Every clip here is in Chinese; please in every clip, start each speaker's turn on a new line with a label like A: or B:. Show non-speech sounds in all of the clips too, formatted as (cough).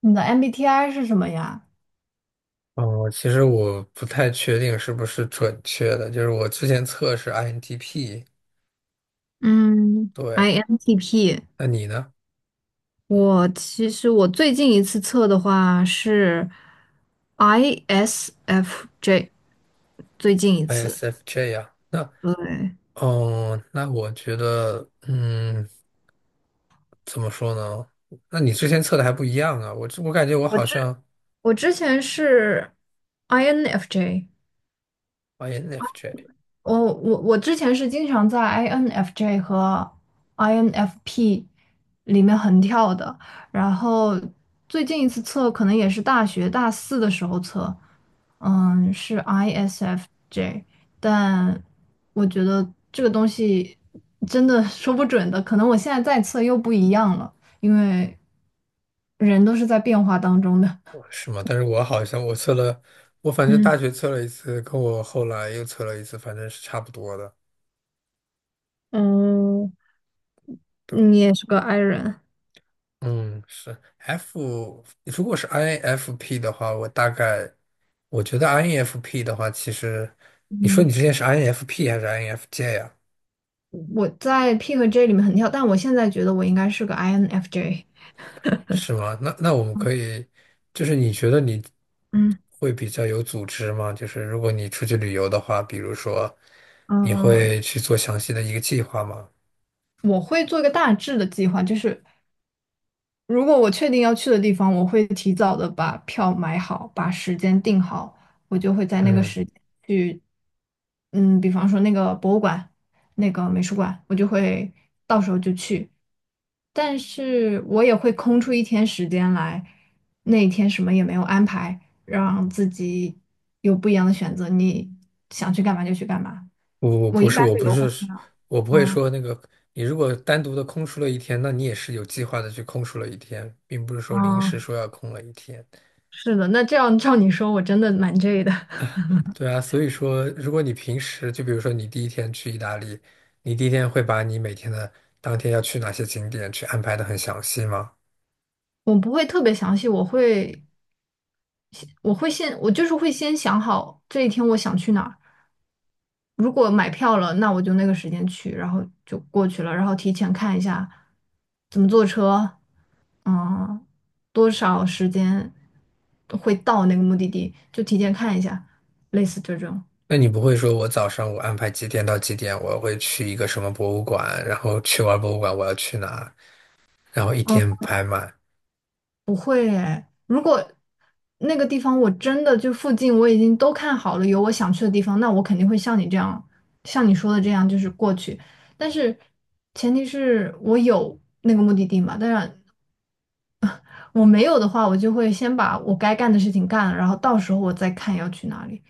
A: 你的 MBTI 是什么呀？
B: 哦，其实我不太确定是不是准确的，就是我之前测是 INTP，
A: 嗯
B: 对，
A: ，INTP，
B: 那你呢
A: 我其实最近一次测的话是 ISFJ，最近一次。
B: ？ISFJ 呀、那
A: 对，
B: 哦，那我觉得，怎么说呢？那你之前测的还不一样啊，我感觉我
A: 我
B: 好
A: 之
B: 像
A: 我之前是 INFJ，
B: INFJ
A: 我之前是经常在 INFJ 和 INFP 里面横跳的，然后最近一次测可能也是大学大四的时候测，嗯，是 ISFJ，但我觉得这个东西真的说不准的，可能我现在再测又不一样了，因为人都是在变化当中的。
B: 是吗？但是我好像我测了，我反
A: (laughs)
B: 正大
A: 嗯，
B: 学测了一次，跟我后来又测了一次，反正是差不多的。
A: 哦，
B: 对。
A: 你也是个 i 人。
B: 嗯，是 F，如果是 INFP 的话，我大概。我觉得 INFP 的话，其实你说你
A: 嗯。
B: 之前是 INFP 还是 INFJ 呀？
A: 我在 P 和 J 里面很跳，但我现在觉得我应该是个 INFJ。
B: 是吗？那我们可以，就是你觉得你
A: 嗯
B: 会比较有组织吗？就是如果你出去旅游的话，比如说你
A: 嗯、
B: 会去做详细的一个计划吗？
A: 我会做一个大致的计划，就是如果我确定要去的地方，我会提早的把票买好，把时间定好，我就会在那个
B: 嗯，
A: 时间去，嗯，比方说那个博物馆、那个美术馆，我就会到时候就去。但是我也会空出一天时间来，那一天什么也没有安排，让自己有不一样的选择，你想去干嘛就去干嘛。
B: 我我
A: 我
B: 不
A: 一
B: 是，
A: 般
B: 我
A: 都
B: 不
A: 游会这
B: 是，
A: 样，
B: 我不会
A: 嗯
B: 说那个。你如果单独的空出了一天，那你也是有计划的去空出了一天，并不是说临时
A: 嗯，
B: 说要空了一天。
A: 是的，那这样照你说，我真的蛮 J 的。
B: 对啊，所以说，如果你平时就比如说你第一天去意大利，你第一天会把你每天的当天要去哪些景点去安排的很详细吗？
A: 我不会特别详细，我就是会先想好这一天我想去哪儿。如果买票了，那我就那个时间去，然后就过去了，然后提前看一下怎么坐车，嗯，多少时间会到那个目的地，就提前看一下，类似这种。
B: 那你不会说我早上我安排几点到几点，我会去一个什么博物馆，然后去完博物馆我要去哪，然后一
A: 嗯，
B: 天排满，
A: 不，如果那个地方我真的就附近我已经都看好了，有我想去的地方，那我肯定会像你这样，像你说的这样，就是过去。但是前提是我有那个目的地嘛，当然我没有的话，我就会先把我该干的事情干了，然后到时候我再看要去哪里。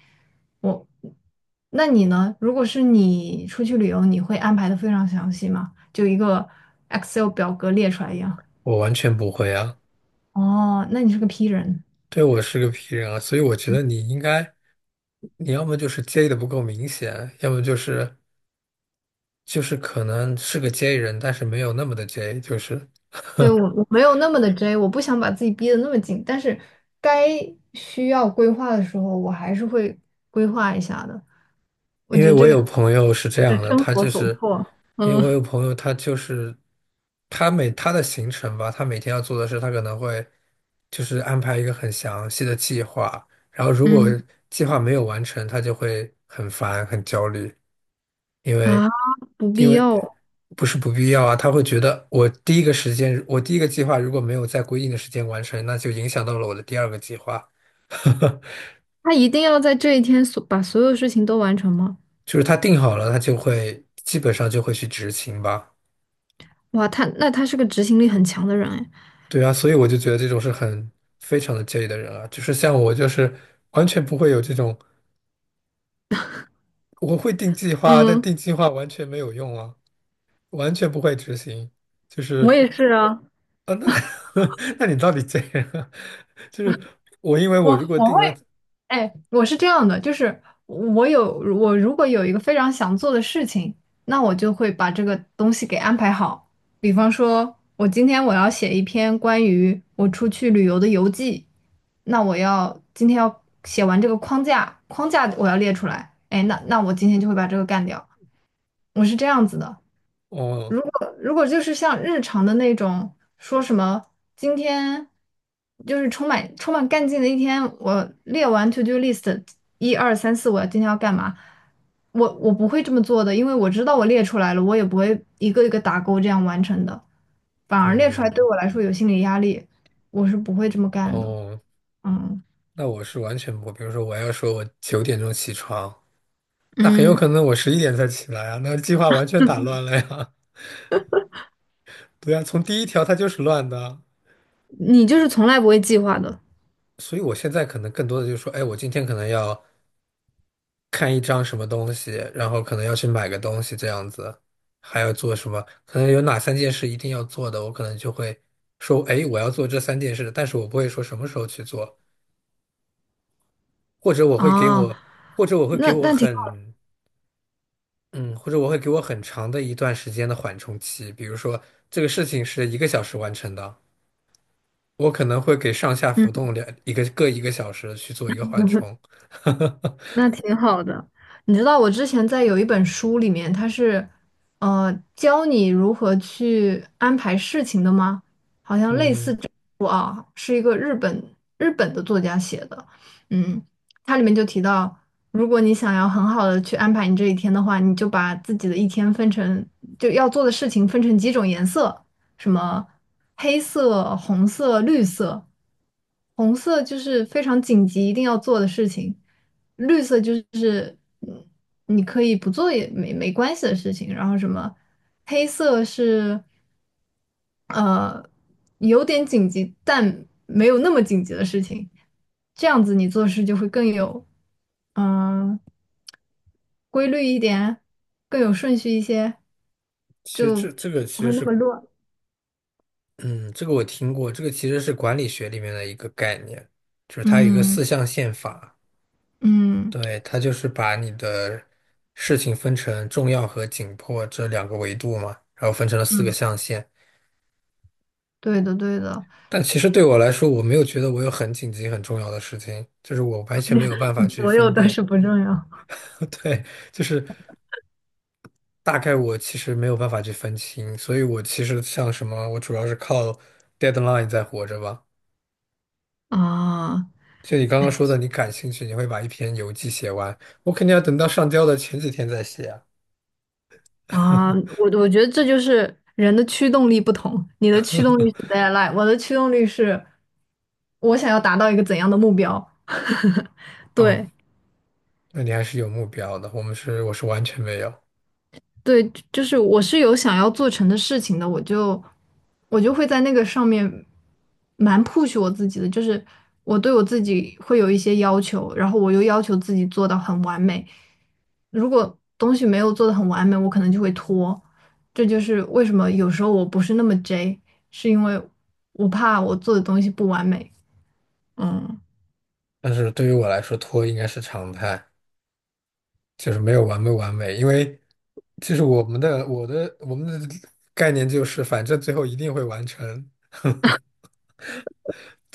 A: 我，那你呢？如果是你出去旅游，你会安排的非常详细吗？就一个 Excel 表格列出来一样。
B: 我完全不会啊。
A: 哦，那你是个 P 人。
B: 对，我是个 P 人啊，所以我觉得你应该，你要么就是介意的不够明显，要么就是可能是个 J 人，但是没有那么的 J，就是
A: 对，我
B: (laughs)。
A: 我没有那么的 J，我不想把自己逼得那么紧，但是该需要规划的时候，我还是会规划一下的。
B: 因为我有朋友是这样
A: 是
B: 的，
A: 生
B: 他
A: 活
B: 就
A: 所
B: 是
A: 迫。
B: 因为
A: 嗯
B: 我有朋友，他的行程吧，他每天要做的事，他可能会就是安排一个很详细的计划，然后如果
A: 嗯
B: 计划没有完成，他就会很烦很焦虑，因为
A: 啊，不
B: 因
A: 必
B: 为
A: 要，
B: 不是不必要啊，他会觉得我第一个计划如果没有在规定的时间完成，那就影响到了我的第二个计划，
A: 他一定要在这一天所把所有事情都完成吗？
B: (laughs) 就是他定好了，他就会基本上就会去执行吧。
A: 哇，他那他是个执行力很强的人哎。
B: 对啊，所以我就觉得这种是非常的介意的人啊，就是像我，就是完全不会有这种，我会定计划，但
A: 嗯，
B: 定计划完全没有用啊，完全不会执行，就
A: 我
B: 是
A: 也是啊，
B: 啊，那 (laughs) 那你到底介意啊？(laughs) 就是我，因为我如果定了，
A: 哎，我是这样的，就是我如果有一个非常想做的事情，那我就会把这个东西给安排好。比方说，我今天我要写一篇关于我出去旅游的游记，那我要今天要写完这个框架，框架我要列出来。哎，那我今天就会把这个干掉。我是这样子的。
B: 哦，
A: 如果就是像日常的那种，说什么今天就是充满干劲的一天，我列完 to do list 一二三四，我要今天要干嘛？我不会这么做的，因为我知道我列出来了，我也不会一个一个打勾这样完成的，反而列出来对
B: 嗯，
A: 我来说有心理压力，我是不会这么干的。
B: 哦，
A: 嗯，
B: 那我是完全不，比如说我要说我9点钟起床，那很有
A: 嗯，
B: 可能我11点才起来啊，那计划完全打乱了呀。(laughs) 对啊，从第一条它就是乱的。
A: 你就是从来不会计划的
B: 所以我现在可能更多的就是说，哎，我今天可能要看一张什么东西，然后可能要去买个东西这样子，还要做什么？可能有哪三件事一定要做的，我可能就会说，哎，我要做这三件事，但是我不会说什么时候去做，或者我会给
A: 哦，
B: 我，或者我会给
A: 那
B: 我
A: 那挺好。
B: 很，嗯，或者我会给我很长的一段时间的缓冲期，比如说这个事情是一个小时完成的，我可能会给上下
A: 嗯。
B: 浮动两一个各一个小时去做一个缓冲。(laughs)
A: 那挺好的。你知道我之前在有一本书里面，它是教你如何去安排事情的吗？好像类似
B: 嗯，
A: 这本书啊，是一个日本的作家写的。嗯，它里面就提到，如果你想要很好的去安排你这一天的话，你就把自己的一天分成就要做的事情分成几种颜色。什么黑色、红色、绿色。红色就是非常紧急一定要做的事情，绿色就是嗯你可以不做也没没关系的事情。然后什么黑色是呃有点紧急，但没有那么紧急的事情。这样子你做事就会更有嗯、呃规律一点，更有顺序一些，
B: 其实
A: 就
B: 这个
A: 不
B: 其
A: 会
B: 实
A: 那么
B: 是，
A: 乱。
B: 嗯，这个我听过，这个其实是管理学里面的一个概念，就是它有一个
A: 嗯
B: 四象限法，
A: 嗯
B: 对，它就是把你的事情分成重要和紧迫这两个维度嘛，然后分成了四个
A: 嗯。
B: 象限。
A: 对的，对的。
B: 但其实对我来说，我没有觉得我有很紧急、很重要的事情，就是我完全没有办法
A: (laughs)
B: 去
A: 所有
B: 分
A: 都
B: 辨。
A: 是不重要。
B: (laughs) 对，就是大概我其实没有办法去分清，所以我其实像什么，我主要是靠 deadline 在活着吧。
A: 啊，
B: 就你刚
A: 哎
B: 刚说的，你感兴趣，你会把一篇游记写完。我肯定要等到上交的前几天再写啊。
A: 啊，我觉得这就是人的驱动力不同。你的驱动力是 deadline，我的驱动力是我想要达到一个怎样的目标。
B: 嗯，
A: 对，
B: 那你还是有目标的。我是完全没有。
A: 对，就是我是有想要做成的事情的，我就会在那个上面蛮 push 我自己的，就是我对我自己会有一些要求，然后我又要求自己做到很完美。如果东西没有做的很完美，我可能就会拖。这就是为什么有时候我不是那么 J，是因为我怕我做的东西不完美。嗯，
B: 但是对于我来说，拖应该是常态，就是没完美。因为就是我们的概念就是，反正最后一定会完成。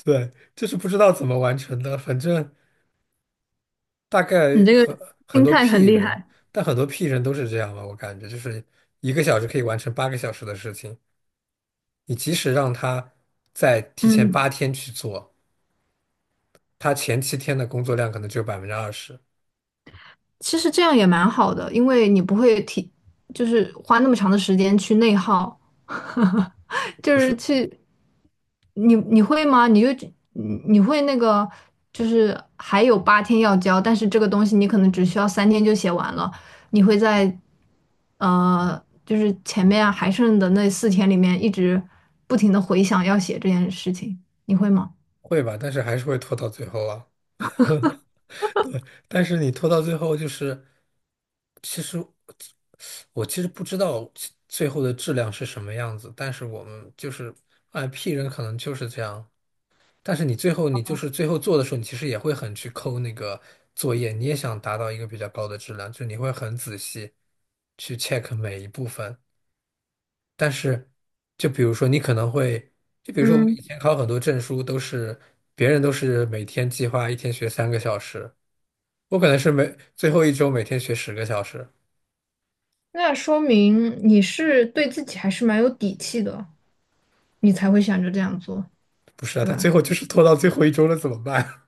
B: 对，就是不知道怎么完成的，反正大概
A: 你这个
B: 很很
A: 心
B: 多
A: 态
B: P
A: 很厉
B: 人，
A: 害。
B: 但很多 P 人都是这样吧，我感觉就是一个小时可以完成8个小时的事情。你即使让他在提前
A: 嗯。
B: 8天去做，他前7天的工作量可能只有20%，
A: 其实这样也蛮好的，因为你不会提，就是花那么长的时间去内耗，(laughs) 就
B: 不
A: 是
B: 是
A: 去，你你会吗？你会那个，就是还有八天要交，但是这个东西你可能只需要三天就写完了，你会在就是前面啊还剩的那四天里面一直不停的回想要写这件事情，你会吗？
B: 会吧？但是还是会拖到最后啊。对，但是你拖到最后，就是其实我其实不知道其最后的质量是什么样子，但是我们就是哎，P 人可能就是这样。但是你就是最后做的时候，你其实也会很去抠那个作业，你也想达到一个比较高的质量，就是你会很仔细去 check 每一部分。但是，就比如说你可能会，就比如说我们
A: 嗯，
B: 以前考很多证书都是，别人都是每天计划一天学3个小时，我可能是最后一周每天学10个小时。
A: 那说明你是对自己还是蛮有底气的。你才会想着这样做，
B: 不是啊，
A: 对
B: 他
A: 吧？
B: 最后就是拖到最后一周了，怎么办？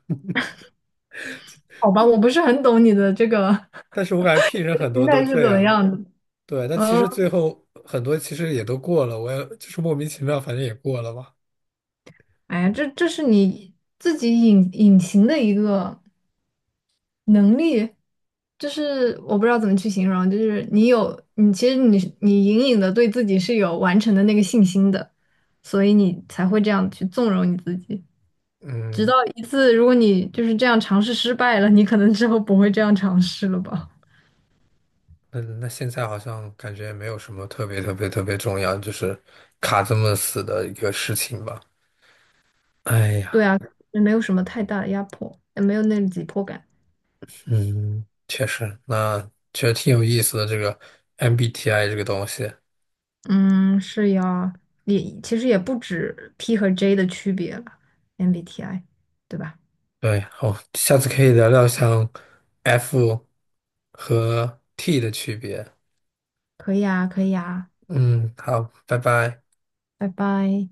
A: 好吧，我不是很懂你的这个
B: (laughs) 但是我感觉 P 人
A: (laughs)
B: 很
A: 心
B: 多都
A: 态是
B: 这
A: 怎么
B: 样，
A: 样的。
B: 对，但其
A: 嗯，
B: 实最后很多其实也都过了，我也就是莫名其妙，反正也过了吧。
A: 哎呀，这是你自己隐隐形的一个能力，就是我不知道怎么去形容，就是你有你其实你隐隐的对自己是有完成的那个信心的，所以你才会这样去纵容你自己。直
B: 嗯，
A: 到一次，如果你就是这样尝试失败了，你可能之后不会这样尝试了吧？
B: 那现在好像感觉没有什么特别特别特别重要，就是卡这么死的一个事情吧。哎呀。
A: 对啊，也没有什么太大的压迫，也没有那种紧迫感。
B: 嗯，确实，那觉得挺有意思的这个 MBTI 这个东西。
A: 嗯，是呀，也其实也不止 P 和 J 的区别了，MBTI，对吧？
B: 对，好，下次可以聊聊像 F 和 T 的区别。
A: 可以啊，可以啊，
B: 嗯，好，拜拜。
A: 拜拜。